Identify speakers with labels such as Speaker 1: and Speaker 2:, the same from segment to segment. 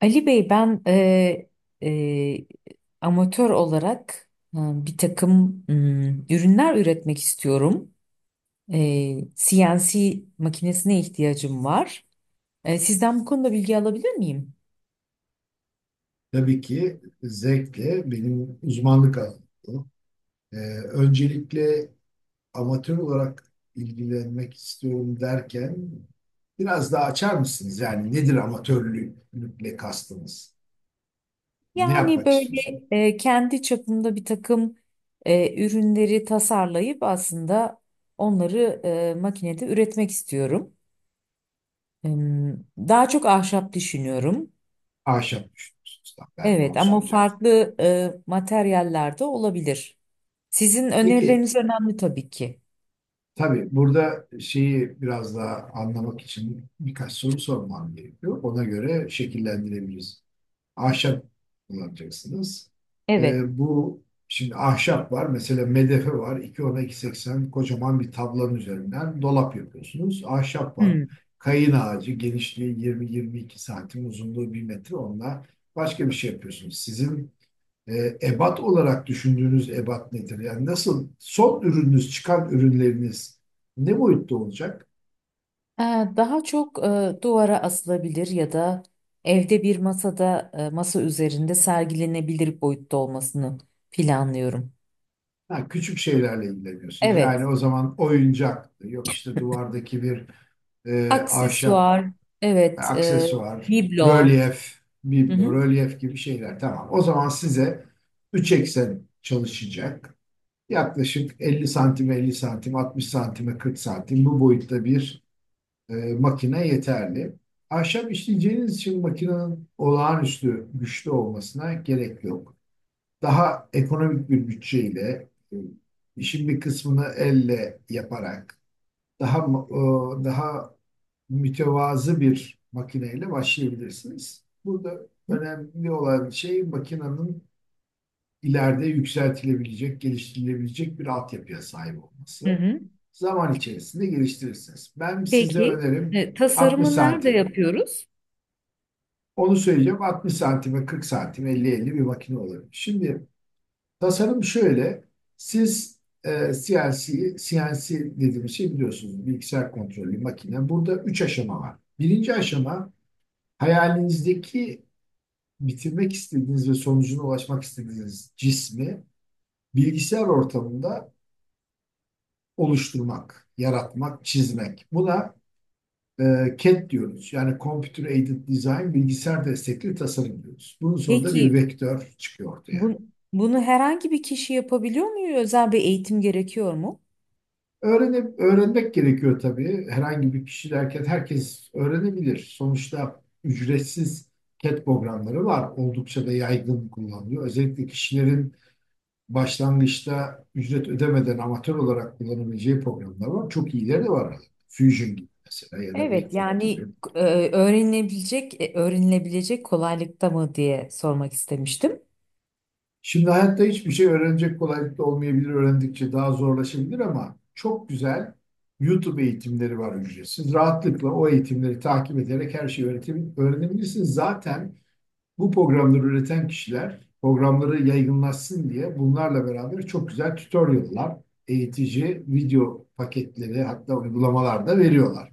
Speaker 1: Ali Bey, ben e, amatör olarak, bir takım ürünler üretmek istiyorum. CNC makinesine ihtiyacım var. Sizden bu konuda bilgi alabilir miyim?
Speaker 2: Tabii ki zevkle, benim uzmanlık alanım bu. Ee, öncelikle amatör olarak ilgilenmek istiyorum derken biraz daha açar mısınız? Yani nedir amatörlükle kastınız? Ne
Speaker 1: Yani
Speaker 2: yapmak istiyorsunuz?
Speaker 1: böyle, kendi çapımda bir takım ürünleri tasarlayıp aslında onları makinede üretmek istiyorum. Daha çok ahşap düşünüyorum.
Speaker 2: Ahşap düşünüyorsunuz. Tamam, ben de
Speaker 1: Evet,
Speaker 2: onu
Speaker 1: ama
Speaker 2: soracaktım.
Speaker 1: farklı materyaller olabilir. Sizin
Speaker 2: Peki,
Speaker 1: önerileriniz önemli tabii ki.
Speaker 2: tabii burada şeyi biraz daha anlamak için birkaç soru sormam gerekiyor. Ona göre şekillendirebiliriz. Ahşap kullanacaksınız.
Speaker 1: Evet.
Speaker 2: Bu şimdi ahşap var. Mesela medefe var. İki ona iki seksen, kocaman bir tablanın üzerinden dolap yapıyorsunuz. Ahşap var.
Speaker 1: Hmm.
Speaker 2: Kayın ağacı genişliği 20-22 santim, uzunluğu bir metre. Onunla başka bir şey yapıyorsunuz. Sizin ebat olarak düşündüğünüz ebat nedir? Yani nasıl son ürününüz, çıkan ürünleriniz ne boyutta olacak?
Speaker 1: Ha, daha çok duvara asılabilir ya da evde bir masada, masa üzerinde sergilenebilir boyutta olmasını planlıyorum.
Speaker 2: Ha, küçük şeylerle ilgileniyorsunuz. Yani
Speaker 1: Evet.
Speaker 2: o zaman oyuncak yok, işte duvardaki bir ahşap,
Speaker 1: Aksesuar. Evet.
Speaker 2: aksesuar,
Speaker 1: Biblo.
Speaker 2: rölyef,
Speaker 1: Hı
Speaker 2: biblo,
Speaker 1: hı.
Speaker 2: rölyef gibi şeyler. Tamam. O zaman size 3 eksen çalışacak. Yaklaşık 50 santim, 50 santim, 60 santime, 40 santim bu boyutta bir makine yeterli. Ahşap işleyeceğiniz için makinenin olağanüstü güçlü olmasına gerek yok. Daha ekonomik bir bütçeyle, işin bir kısmını elle yaparak daha daha mütevazı bir makineyle başlayabilirsiniz. Burada önemli olan şey, makinenin ileride yükseltilebilecek, geliştirilebilecek bir altyapıya sahip
Speaker 1: Hı
Speaker 2: olması.
Speaker 1: hı.
Speaker 2: Zaman içerisinde geliştirirsiniz. Ben size
Speaker 1: Peki,
Speaker 2: önerim 60
Speaker 1: tasarımı nerede
Speaker 2: santim.
Speaker 1: yapıyoruz?
Speaker 2: Onu söyleyeceğim, 60 santime 40 santim 50-50 bir makine olabilir. Şimdi tasarım şöyle. Siz CNC dediğimiz şey, biliyorsunuz, bilgisayar kontrollü makine. Burada 3 aşama var. Birinci aşama, hayalinizdeki bitirmek istediğiniz ve sonucuna ulaşmak istediğiniz cismi bilgisayar ortamında oluşturmak, yaratmak, çizmek. Buna CAD diyoruz. Yani Computer Aided Design, bilgisayar destekli tasarım diyoruz. Bunun sonunda bir
Speaker 1: Peki
Speaker 2: vektör çıkıyor ortaya.
Speaker 1: bu, bunu herhangi bir kişi yapabiliyor mu? Özel bir eğitim gerekiyor mu?
Speaker 2: Öğrenmek gerekiyor tabii. Herhangi bir kişi derken herkes öğrenebilir. Sonuçta ücretsiz CAD programları var. Oldukça da yaygın kullanılıyor. Özellikle kişilerin başlangıçta ücret ödemeden amatör olarak kullanabileceği programlar var. Çok iyileri de var. Fusion gibi mesela, ya da
Speaker 1: Evet,
Speaker 2: Vectric gibi.
Speaker 1: yani öğrenilebilecek kolaylıkta mı diye sormak istemiştim.
Speaker 2: Şimdi hayatta hiçbir şey öğrenecek kolaylıkta olmayabilir. Öğrendikçe daha zorlaşabilir ama çok güzel YouTube eğitimleri var ücretsiz. Rahatlıkla o eğitimleri takip ederek her şeyi öğrenebilirsiniz. Zaten bu programları üreten kişiler, programları yaygınlaşsın diye bunlarla beraber çok güzel tutorial'lar, eğitici video paketleri, hatta uygulamalar da veriyorlar.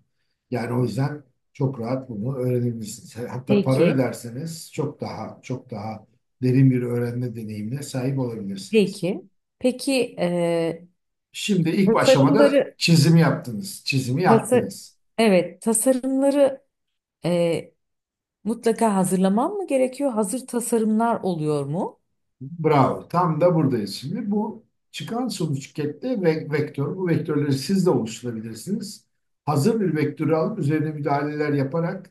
Speaker 2: Yani o yüzden çok rahat bunu öğrenebilirsiniz. Hatta para
Speaker 1: Peki,
Speaker 2: öderseniz çok daha derin bir öğrenme deneyimine sahip olabilirsiniz.
Speaker 1: peki. Peki,
Speaker 2: Şimdi ilk aşamada
Speaker 1: tasarımları
Speaker 2: çizimi yaptınız, çizimi
Speaker 1: tasar
Speaker 2: yaptınız.
Speaker 1: evet tasarımları e, mutlaka hazırlamam mı gerekiyor? Hazır tasarımlar oluyor mu?
Speaker 2: Bravo. Tam da buradayız şimdi. Bu çıkan sonuç kette ve vektör. Bu vektörleri siz de oluşturabilirsiniz. Hazır bir vektörü alıp üzerine müdahaleler yaparak,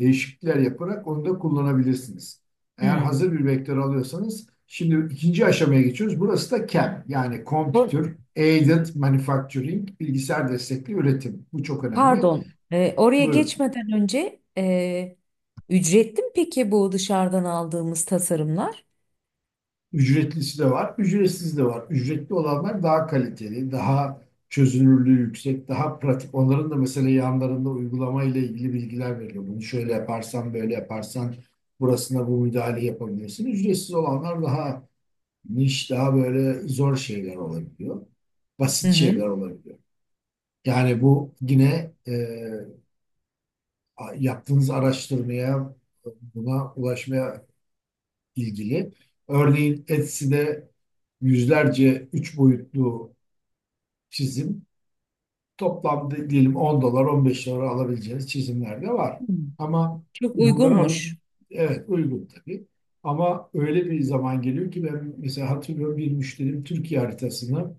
Speaker 2: değişiklikler yaparak onu da kullanabilirsiniz. Eğer
Speaker 1: Hmm.
Speaker 2: hazır bir vektör alıyorsanız, şimdi ikinci aşamaya geçiyoruz. Burası da CAM, yani
Speaker 1: Sor-
Speaker 2: Computer Aided Manufacturing, bilgisayar destekli üretim. Bu çok önemli.
Speaker 1: Pardon, oraya
Speaker 2: Buyurun.
Speaker 1: geçmeden önce ücretli mi peki bu dışarıdan aldığımız tasarımlar?
Speaker 2: Ücretlisi de var, ücretsiz de var. Ücretli olanlar daha kaliteli, daha çözünürlüğü yüksek, daha pratik. Onların da mesela yanlarında uygulama ile ilgili bilgiler veriyor. Bunu şöyle yaparsan, böyle yaparsan burasına bu müdahale yapabilirsin. Ücretsiz olanlar daha niş, daha böyle zor şeyler olabiliyor.
Speaker 1: Hı
Speaker 2: Basit
Speaker 1: hı.
Speaker 2: şeyler olabiliyor. Yani bu yine yaptığınız araştırmaya, buna ulaşmaya ilgili. Örneğin Etsy'de yüzlerce üç boyutlu çizim, toplamda diyelim 10-15 dolar alabileceğiniz çizimler de var.
Speaker 1: Hı.
Speaker 2: Ama
Speaker 1: Çok
Speaker 2: bunları alıp,
Speaker 1: uygunmuş.
Speaker 2: evet, uygun tabii. Ama öyle bir zaman geliyor ki, ben mesela hatırlıyorum, bir müşterim Türkiye haritasını,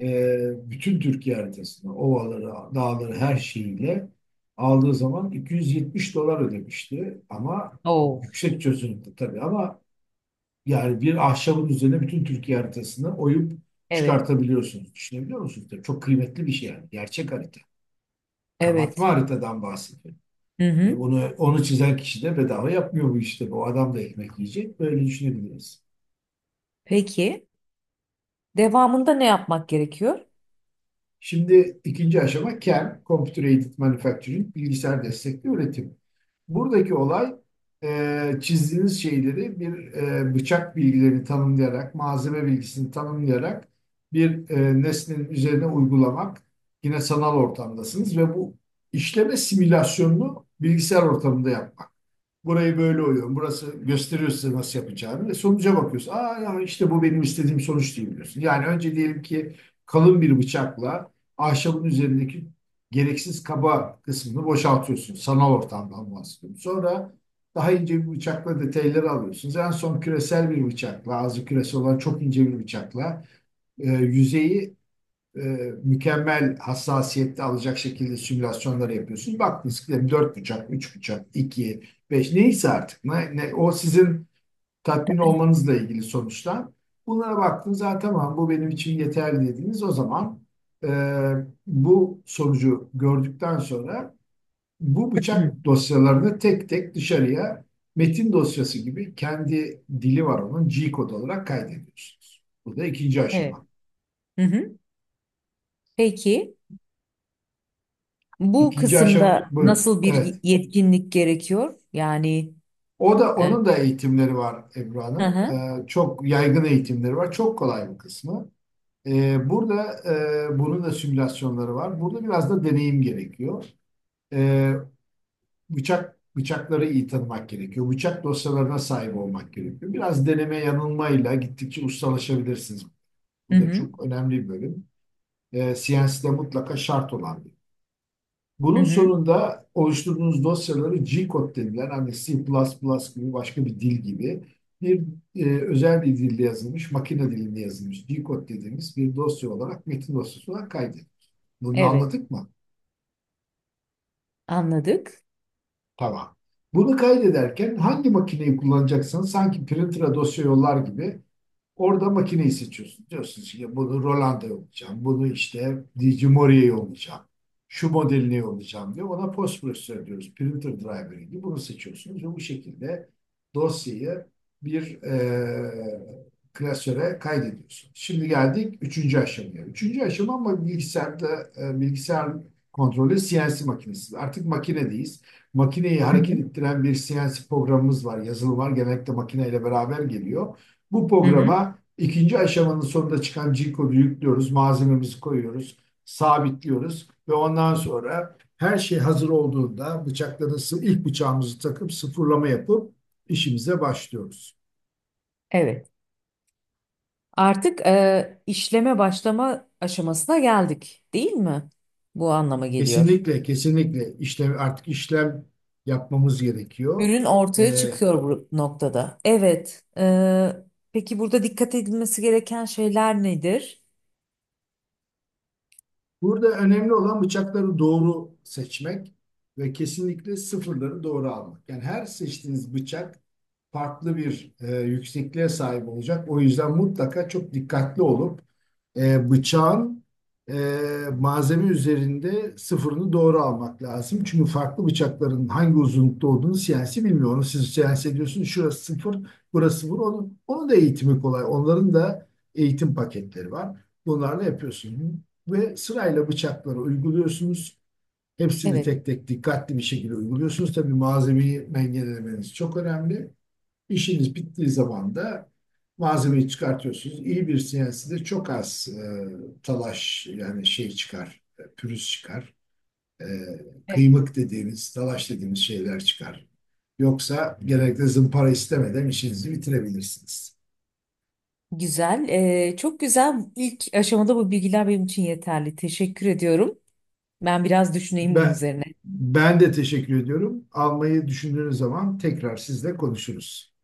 Speaker 2: bütün Türkiye haritasını, ovaları, dağları her şeyiyle aldığı zaman 270 dolar ödemişti, ama
Speaker 1: Oo,
Speaker 2: yüksek çözünürlükte tabii. Ama yani bir ahşabın üzerine bütün Türkiye haritasını oyup
Speaker 1: evet,
Speaker 2: çıkartabiliyorsunuz. Düşünebiliyor musunuz? Tabii çok kıymetli bir şey yani. Gerçek harita. Kabartma
Speaker 1: evet.
Speaker 2: haritadan bahsediyorum.
Speaker 1: Hı
Speaker 2: E
Speaker 1: hı.
Speaker 2: onu, onu çizen kişi de bedava yapmıyor bu işte. Bu adam da ekmek yiyecek. Böyle düşünebiliriz.
Speaker 1: Peki, devamında ne yapmak gerekiyor?
Speaker 2: Şimdi ikinci aşama CAM, Computer Aided Manufacturing, bilgisayar destekli üretim. Buradaki olay çizdiğiniz şeyleri bir bıçak bilgilerini tanımlayarak, malzeme bilgisini tanımlayarak bir nesnenin üzerine uygulamak. Yine sanal ortamdasınız ve bu işleme simülasyonunu bilgisayar ortamında yapmak. Burayı böyle oyuyorum. Burası gösteriyor size nasıl yapacağını. Ve sonuca bakıyorsun. Aa ya, işte bu benim istediğim sonuç değil diyorsun. Yani önce diyelim ki kalın bir bıçakla ahşabın üzerindeki gereksiz kaba kısmını boşaltıyorsun. Sanal ortamdan bahsediyorum. Sonra daha ince bir bıçakla detayları alıyorsunuz. En son küresel bir bıçakla, ağzı küresi olan çok ince bir bıçakla yüzeyi e, mükemmel hassasiyette alacak şekilde simülasyonları yapıyorsun. Bak, disklerim 4 bucak, 3 bucak, 2, 5 neyse artık. O sizin tatmin olmanızla ilgili sonuçlar. Bunlara baktınız zaten, tamam bu benim için yeterli dediniz. O zaman e, bu sonucu gördükten sonra bu
Speaker 1: Hı.
Speaker 2: bıçak dosyalarını tek tek dışarıya, metin dosyası gibi, kendi dili var onun, G kod olarak kaydediyorsunuz. Bu da ikinci
Speaker 1: Evet.
Speaker 2: aşama.
Speaker 1: Hı hı. Peki, bu
Speaker 2: İkinci aşama
Speaker 1: kısımda
Speaker 2: buyurun.
Speaker 1: nasıl bir
Speaker 2: Evet.
Speaker 1: yetkinlik gerekiyor? Yani
Speaker 2: O da,
Speaker 1: E,
Speaker 2: onun da eğitimleri var Ebru
Speaker 1: hı
Speaker 2: Hanım.
Speaker 1: hı.
Speaker 2: Çok yaygın eğitimleri var. Çok kolay bir kısmı. Burada bunun da simülasyonları var. Burada biraz da deneyim gerekiyor. Ee, bıçakları iyi tanımak gerekiyor. Bıçak dosyalarına sahip olmak gerekiyor. Biraz deneme yanılmayla gittikçe ustalaşabilirsiniz.
Speaker 1: Hı
Speaker 2: Bu da
Speaker 1: hı.
Speaker 2: çok önemli bir bölüm. CNC de mutlaka şart olan bir,
Speaker 1: Hı
Speaker 2: bunun
Speaker 1: hı.
Speaker 2: sonunda oluşturduğunuz dosyaları G-Code denilen, hani C++ gibi başka bir dil gibi bir özel bir dilde yazılmış, makine dilinde yazılmış G-Code dediğimiz bir dosya olarak, metin dosyası olarak kaydedin. Bunu da
Speaker 1: Evet.
Speaker 2: anladık mı?
Speaker 1: Anladık.
Speaker 2: Tamam. Bunu kaydederken hangi makineyi kullanacaksanız, sanki printer'a dosya yollar gibi, orada makineyi seçiyorsun. Diyorsun ki bunu Roland'a olacağım, bunu işte Digimori'ye olacağım, şu modeline olacağım diye. Ona post processor diyoruz, printer driver gibi. Bunu seçiyorsunuz ve bu şekilde dosyayı bir klasöre kaydediyorsun. Şimdi geldik üçüncü aşamaya. Üçüncü aşama, ama bilgisayarda, bilgisayar kontrolü CNC makinesi. Artık makinedeyiz. Makineyi
Speaker 1: Hı
Speaker 2: hareket
Speaker 1: hı.
Speaker 2: ettiren bir CNC programımız var, yazılım var. Genellikle makineyle beraber geliyor. Bu
Speaker 1: Hı hı.
Speaker 2: programa ikinci aşamanın sonunda çıkan G-kodu yüklüyoruz, malzememizi koyuyoruz, sabitliyoruz ve ondan sonra her şey hazır olduğunda bıçakları, ilk bıçağımızı takıp sıfırlama yapıp işimize başlıyoruz.
Speaker 1: Evet. Artık işleme başlama aşamasına geldik, değil mi? Bu anlama geliyor.
Speaker 2: Kesinlikle, kesinlikle işlem, artık işlem yapmamız gerekiyor.
Speaker 1: Ürün ortaya
Speaker 2: Ee,
Speaker 1: çıkıyor bu noktada. Evet. Peki, burada dikkat edilmesi gereken şeyler nedir?
Speaker 2: burada önemli olan bıçakları doğru seçmek ve kesinlikle sıfırları doğru almak. Yani her seçtiğiniz bıçak farklı bir yüksekliğe sahip olacak. O yüzden mutlaka çok dikkatli olup bıçağın e, malzeme üzerinde sıfırını doğru almak lazım. Çünkü farklı bıçakların hangi uzunlukta olduğunu siyasi bilmiyor. Onu siz siyasi ediyorsunuz. Şurası sıfır, burası sıfır. Onun da eğitimi kolay. Onların da eğitim paketleri var. Bunlarla yapıyorsunuz. Ve sırayla bıçakları uyguluyorsunuz. Hepsini
Speaker 1: Evet.
Speaker 2: tek tek dikkatli bir şekilde uyguluyorsunuz. Tabii malzemeyi dengelemeniz çok önemli. İşiniz bittiği zaman da malzemeyi çıkartıyorsunuz. İyi bir CNC'de çok az talaş, yani şey çıkar, pürüz çıkar. E,
Speaker 1: Evet.
Speaker 2: kıymık dediğimiz, talaş dediğimiz şeyler çıkar. Yoksa genellikle zımpara istemeden işinizi bitirebilirsiniz.
Speaker 1: Güzel. Çok güzel. İlk aşamada bu bilgiler benim için yeterli. Teşekkür ediyorum. Ben biraz düşüneyim bunun
Speaker 2: Ben,
Speaker 1: üzerine.
Speaker 2: ben de teşekkür ediyorum. Almayı düşündüğünüz zaman tekrar sizle konuşuruz.